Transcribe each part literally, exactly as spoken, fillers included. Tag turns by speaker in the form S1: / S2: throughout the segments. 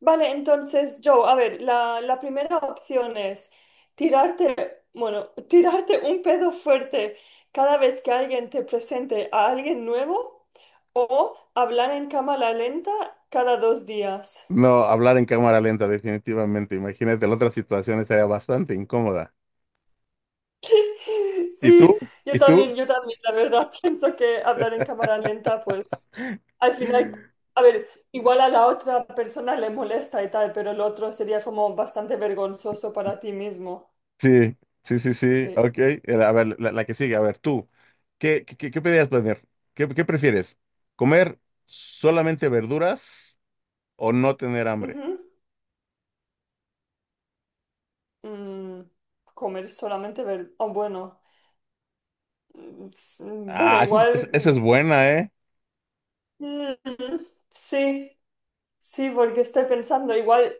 S1: Vale, entonces, Joe, a ver, la, la primera opción es tirarte, bueno, tirarte un pedo fuerte cada vez que alguien te presente a alguien nuevo o hablar en cámara lenta cada dos días.
S2: No, hablar en cámara lenta, definitivamente. Imagínate, la otra situación estaría bastante incómoda. ¿Y
S1: Sí,
S2: tú?
S1: yo
S2: ¿Y tú?
S1: también, yo también, la verdad, pienso que hablar en cámara lenta, pues al final, a ver, igual a la otra persona le molesta y tal, pero el otro sería como bastante vergonzoso para ti mismo.
S2: Sí, sí, sí, sí.
S1: Sí.
S2: Ok. Eh, A
S1: Sí.
S2: ver, la, la que sigue, a ver, tú. ¿Qué, qué, qué pedías planear? ¿Qué, qué prefieres? ¿Comer solamente verduras o no tener hambre?
S1: Ujú. Mm, comer solamente ver... Oh, bueno. mm, s- mm, Bueno,
S2: Ah, esa es, esa-
S1: igual...
S2: esa es
S1: mm,
S2: buena, ¿eh?
S1: mm, sí, sí, porque estoy pensando, igual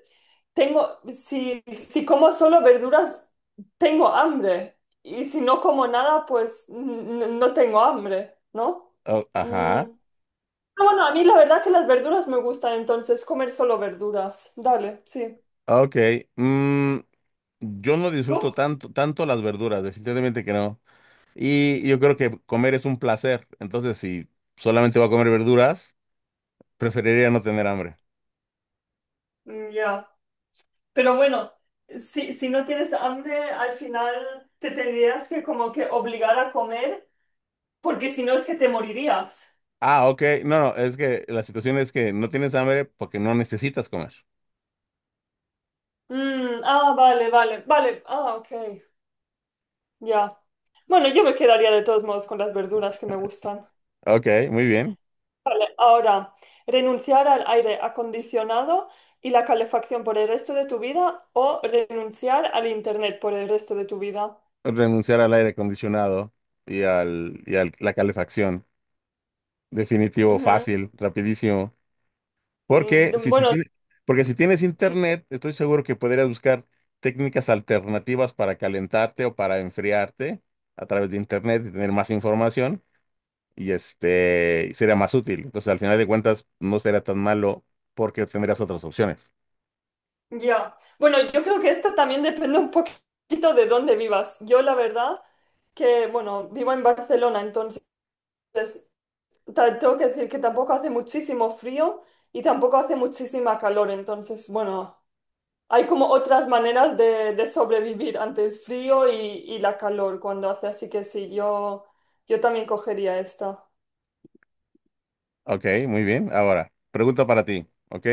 S1: tengo, si, si como solo verduras, tengo hambre. Y si no como nada, pues mm, n- no tengo hambre, ¿no?
S2: Oh,
S1: Mm,
S2: ajá.
S1: ah, bueno, a mí la verdad que las verduras me gustan, entonces comer solo verduras. Dale, sí.
S2: Ok. Mm, yo no disfruto
S1: ¿Tú?
S2: tanto, tanto las verduras, definitivamente que no. Y yo creo que comer es un placer. Entonces, si solamente voy a comer verduras, preferiría no tener hambre.
S1: Mm, ya. Pero bueno, si, si no tienes hambre, al final te tendrías que como que obligar a comer, porque si no es que te morirías.
S2: Ah, ok. No, no, es que la situación es que no tienes hambre porque no necesitas comer.
S1: Mm, ah, vale, vale, vale. Ah, ok, ya. Bueno, yo me quedaría de todos modos con las verduras que me gustan.
S2: Ok, muy bien.
S1: Ahora, renunciar al aire acondicionado y la calefacción por el resto de tu vida o renunciar al internet por el resto de tu vida.
S2: Renunciar al aire acondicionado y al, y al la calefacción. Definitivo,
S1: Ujú.
S2: fácil, rapidísimo. Porque
S1: Mm,
S2: si, si
S1: Bueno,
S2: tiene- Porque si tienes
S1: sí.
S2: internet, estoy seguro que podrías buscar técnicas alternativas para calentarte o para enfriarte a través de internet y tener más información, y este sería más útil. Entonces, al final de cuentas, no será tan malo porque tendrás otras opciones.
S1: Ya. Bueno, yo creo que esto también depende un poquito de dónde vivas. Yo la verdad que, bueno, vivo en Barcelona, entonces ta- tengo que decir que tampoco hace muchísimo frío y tampoco hace muchísima calor. Entonces, bueno, hay como otras maneras de, de sobrevivir ante el frío y, y la calor cuando hace. Así que sí, yo, yo también cogería esta.
S2: Ok, muy bien. Ahora, pregunta para ti, ¿ok?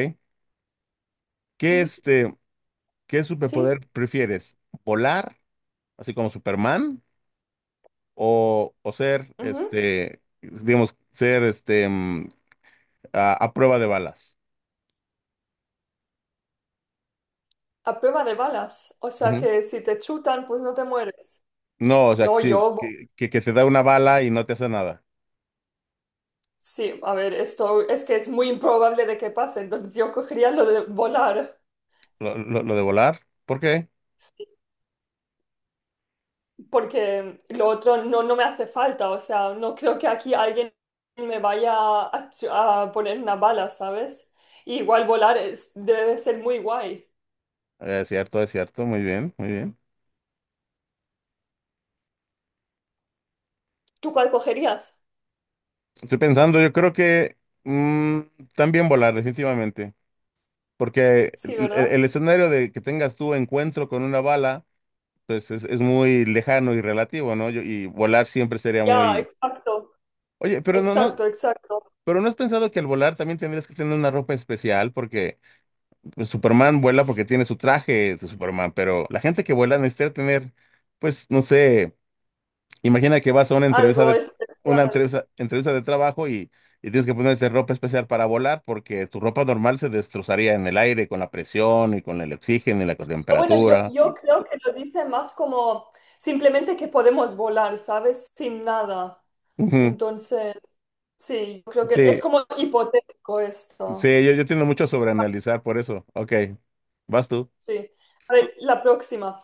S2: ¿Qué
S1: Ujú.
S2: este, qué
S1: Sí,
S2: superpoder prefieres? ¿Volar, así como Superman, o, o ser
S1: ujú.
S2: este, digamos, ser este mm, a, a prueba de balas?
S1: A prueba de balas. O sea
S2: Ujú.
S1: que si te chutan, pues no te mueres.
S2: No, o sea, que
S1: No,
S2: sí,
S1: yo.
S2: que, que, que te da una bala y no te hace nada.
S1: Sí, a ver, esto es que es muy improbable de que pase, entonces yo cogería lo de volar,
S2: Lo, lo- lo de volar, ¿por qué?
S1: porque lo otro no, no me hace falta, o sea, no creo que aquí alguien me vaya a, ch- a poner una bala, ¿sabes? Y igual volar es- debe de ser muy guay.
S2: Es cierto, es cierto, muy bien, muy bien.
S1: ¿Tú cuál cogerías?
S2: Estoy pensando, yo creo que mm, también volar, definitivamente, porque
S1: Sí,
S2: el, el-
S1: ¿verdad?
S2: el escenario de que tengas tu encuentro con una bala, pues es, es muy lejano y relativo, ¿no? Yo- y volar siempre sería
S1: Ya,
S2: muy...
S1: exacto,
S2: Oye, pero no, no,
S1: exacto, exacto.
S2: pero ¿no has pensado que al volar también tendrías que tener una ropa especial? Porque pues, Superman vuela porque tiene su traje de Superman, pero la gente que vuela necesita tener, pues, no sé. Imagina que vas a una entrevista
S1: Algo
S2: de una
S1: especial.
S2: entrevista, entrevista de trabajo y, y tienes que ponerte ropa especial para volar porque tu ropa normal se destrozaría en el aire con la presión y con el oxígeno y la
S1: O bueno, yo,
S2: temperatura.
S1: yo creo que lo dice más como simplemente que podemos volar, ¿sabes? Sin nada.
S2: Ujú.
S1: Entonces... Sí, yo creo que es
S2: Sí,
S1: como hipotético
S2: sí,
S1: esto.
S2: yo, yo tiendo mucho a sobreanalizar por eso. Ok, vas tú.
S1: Sí. A ver, la próxima.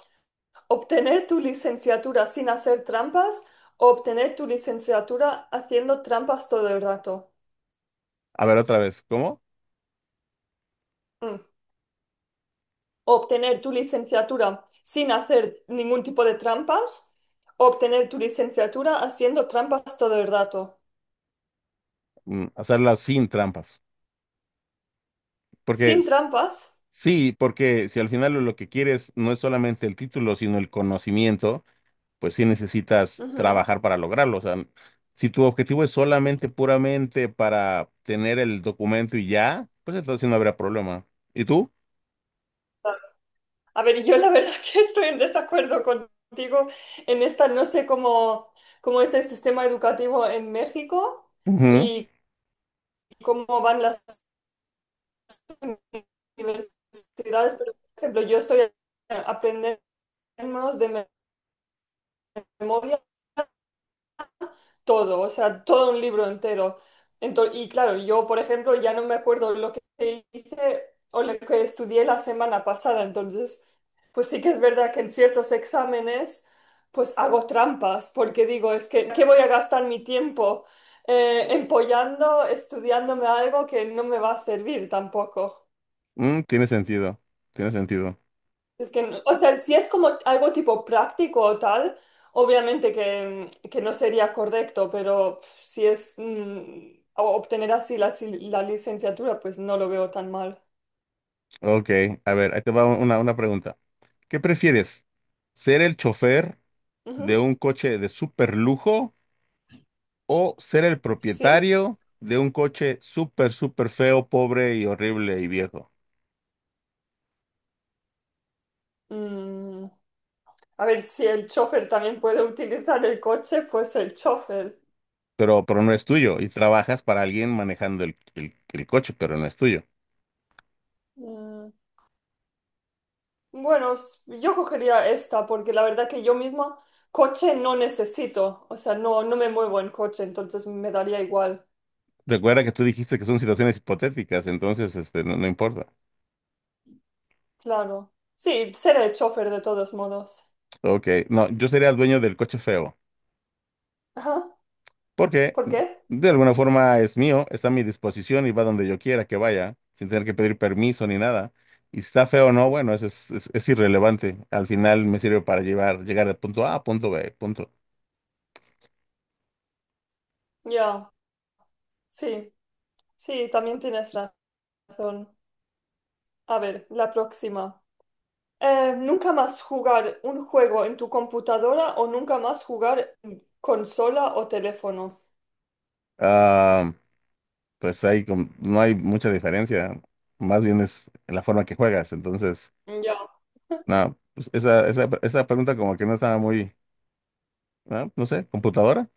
S1: ¿Obtener tu licenciatura sin hacer trampas o obtener tu licenciatura haciendo trampas todo el rato?
S2: A ver otra vez, ¿cómo?
S1: Mm. ¿Obtener tu licenciatura sin hacer ningún tipo de trampas o obtener tu licenciatura haciendo trampas todo el rato?
S2: Mm, hacerla sin trampas. Porque
S1: Sin trampas.
S2: sí, porque si al final lo que quieres no es solamente el título, sino el conocimiento, pues sí necesitas
S1: Ujú.
S2: trabajar para lograrlo. O sea, si tu objetivo es solamente, puramente para tener el documento y ya, pues entonces sí no habrá problema. ¿Y tú?
S1: A ver, yo la verdad que estoy en desacuerdo contigo en esta, no sé cómo, cómo es el sistema educativo en México
S2: Ujú.
S1: y cómo van las universidades, pero por ejemplo, yo estoy aprendiendo de memoria todo, o sea, todo un libro entero. Entonces y claro, yo, por ejemplo, ya no me acuerdo lo que hice o lo que estudié la semana pasada, entonces, pues sí que es verdad que en ciertos exámenes, pues hago trampas, porque digo, es que, ¿qué voy a gastar mi tiempo eh, empollando, estudiándome algo que no me va a servir tampoco?
S2: Mm, tiene sentido, tiene sentido.
S1: Es que, no- o sea, si es como algo tipo práctico o tal, obviamente que, que no sería correcto, pero pf, si es mm, o- obtener así la, si- la licenciatura, pues no lo veo tan mal.
S2: Ok, a ver, ahí te va una, una pregunta. ¿Qué prefieres? ¿Ser el chofer
S1: Ujú.
S2: de un coche de super lujo o ser el
S1: Sí.
S2: propietario de un coche súper, súper feo, pobre y horrible y viejo?
S1: Mm, a ver si el chofer también puede utilizar el coche, pues el chofer.
S2: pero, pero no es tuyo y trabajas para alguien manejando el, el- el coche, pero no es tuyo.
S1: Mm, bueno, s- yo cogería esta porque la verdad que yo misma coche no necesito, o sea, no, no me muevo en coche, entonces me daría igual.
S2: Recuerda que tú dijiste que son situaciones hipotéticas, entonces este, no, no importa.
S1: Claro. Sí, seré chofer de todos modos.
S2: Ok, no, yo sería el dueño del coche feo,
S1: Ajá.
S2: porque
S1: ¿Por qué?
S2: de alguna forma es mío, está a mi disposición y va donde yo quiera que vaya, sin tener que pedir permiso ni nada. Y si está feo o no, bueno, eso es, es, es irrelevante. Al final me sirve para llevar, llegar de punto A a punto B, punto.
S1: Ya, sí, sí, también tienes razón. A ver, la próxima. Eh, ¿nunca más jugar un juego en tu computadora o nunca más jugar en consola o teléfono?
S2: Ah, pues ahí com- no hay mucha diferencia, más bien es la forma que juegas, entonces...
S1: Ya.
S2: No, pues esa, esa, esa pregunta como que no estaba muy, ¿no? No sé, computadora.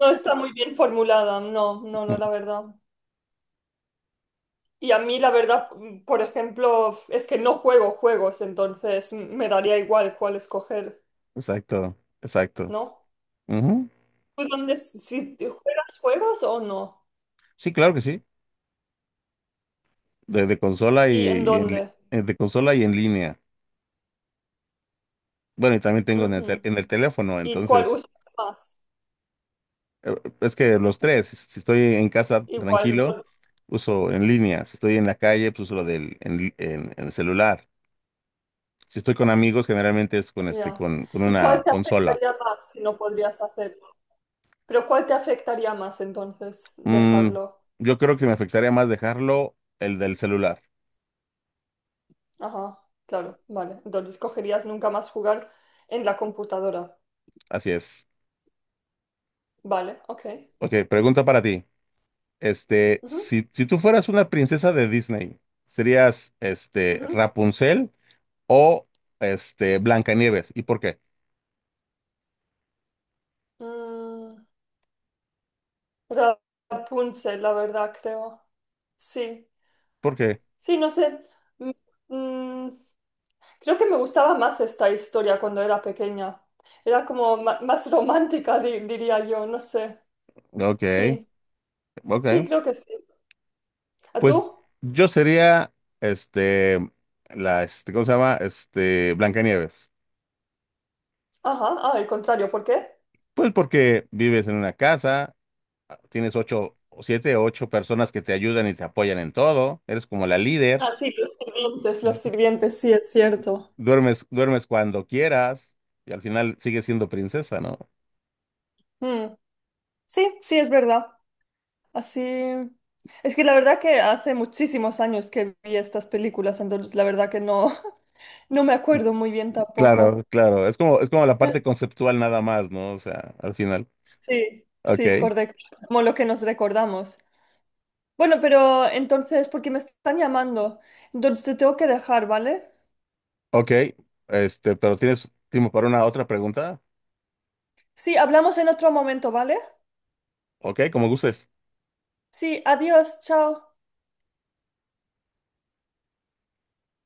S1: No está muy bien formulada, no, no, no,
S2: Mm,
S1: la verdad. Y a mí, la verdad, mm, por ejemplo, es que no juego juegos, entonces mm, me daría igual cuál escoger,
S2: exacto, exacto.
S1: ¿no?
S2: Ujú.
S1: ¿Tú dónde, si te juegas juegos o no?
S2: Sí, claro que sí. De, de consola y,
S1: ¿Y en
S2: y en, li-
S1: dónde?
S2: eh, de consola y en línea. Bueno, y también tengo en el, tel-
S1: Ujú.
S2: en el teléfono,
S1: ¿Y cuál
S2: entonces,
S1: usas más?
S2: eh, es que los tres, si si estoy en casa
S1: Igual, en
S2: tranquilo,
S1: todo.
S2: uso en línea. Si estoy en la calle, pues uso lo del en, li- en- en el celular. Si estoy con amigos, generalmente es con este,
S1: Ya.
S2: con, con
S1: ¿Y cuál
S2: una
S1: te
S2: consola.
S1: afectaría más si no podrías hacerlo? Pero ¿cuál te afectaría más entonces
S2: Mm,
S1: dejarlo?
S2: yo creo que me afectaría más dejarlo el del celular.
S1: Ajá, claro, vale. Entonces cogerías nunca más jugar en la computadora.
S2: Así es.
S1: Vale, ok.
S2: Ok, pregunta para ti. Este,
S1: Ujú,
S2: si, si tú fueras una princesa de Disney, ¿serías este
S1: ujú.
S2: Rapunzel o este Blancanieves? ¿Y por qué?
S1: Mm, Rapunzel, la verdad, creo. Sí,
S2: ¿Por qué?
S1: sí, no sé. Mm, mm, Creo que me gustaba más esta historia cuando era pequeña. Era como ma- más romántica, di- diría yo, no sé.
S2: Ok,
S1: Sí, sí,
S2: ok.
S1: creo que sí. ¿A tú?
S2: Pues yo sería este la este, ¿cómo se llama? Este Blancanieves.
S1: Ajá, ah, el contrario, ¿por qué?
S2: Pues porque vives en una casa, tienes ocho, siete, ocho personas que te ayudan y te apoyan en todo, eres como la líder.
S1: Ah, sí, los sirvientes, los sirvientes, sí, es cierto.
S2: Duermes, duermes cuando quieras y al final sigues siendo princesa, ¿no?
S1: Mm, sí, sí, es verdad. Así. Es que la verdad que hace muchísimos años que vi estas películas, entonces la verdad que no, no me acuerdo muy bien
S2: Claro,
S1: tampoco.
S2: claro. Es como, es como la parte conceptual nada más, ¿no? O sea, al final.
S1: Sí,
S2: Ok,
S1: sí, correcto. Como lo que nos recordamos. Bueno, pero entonces, porque me están llamando, entonces te tengo que dejar, ¿vale?
S2: ok. Este, pero ¿tienes tiempo para una otra pregunta?
S1: Sí, hablamos en otro momento, ¿vale?
S2: Ok, como gustes.
S1: Sí, adiós, chao.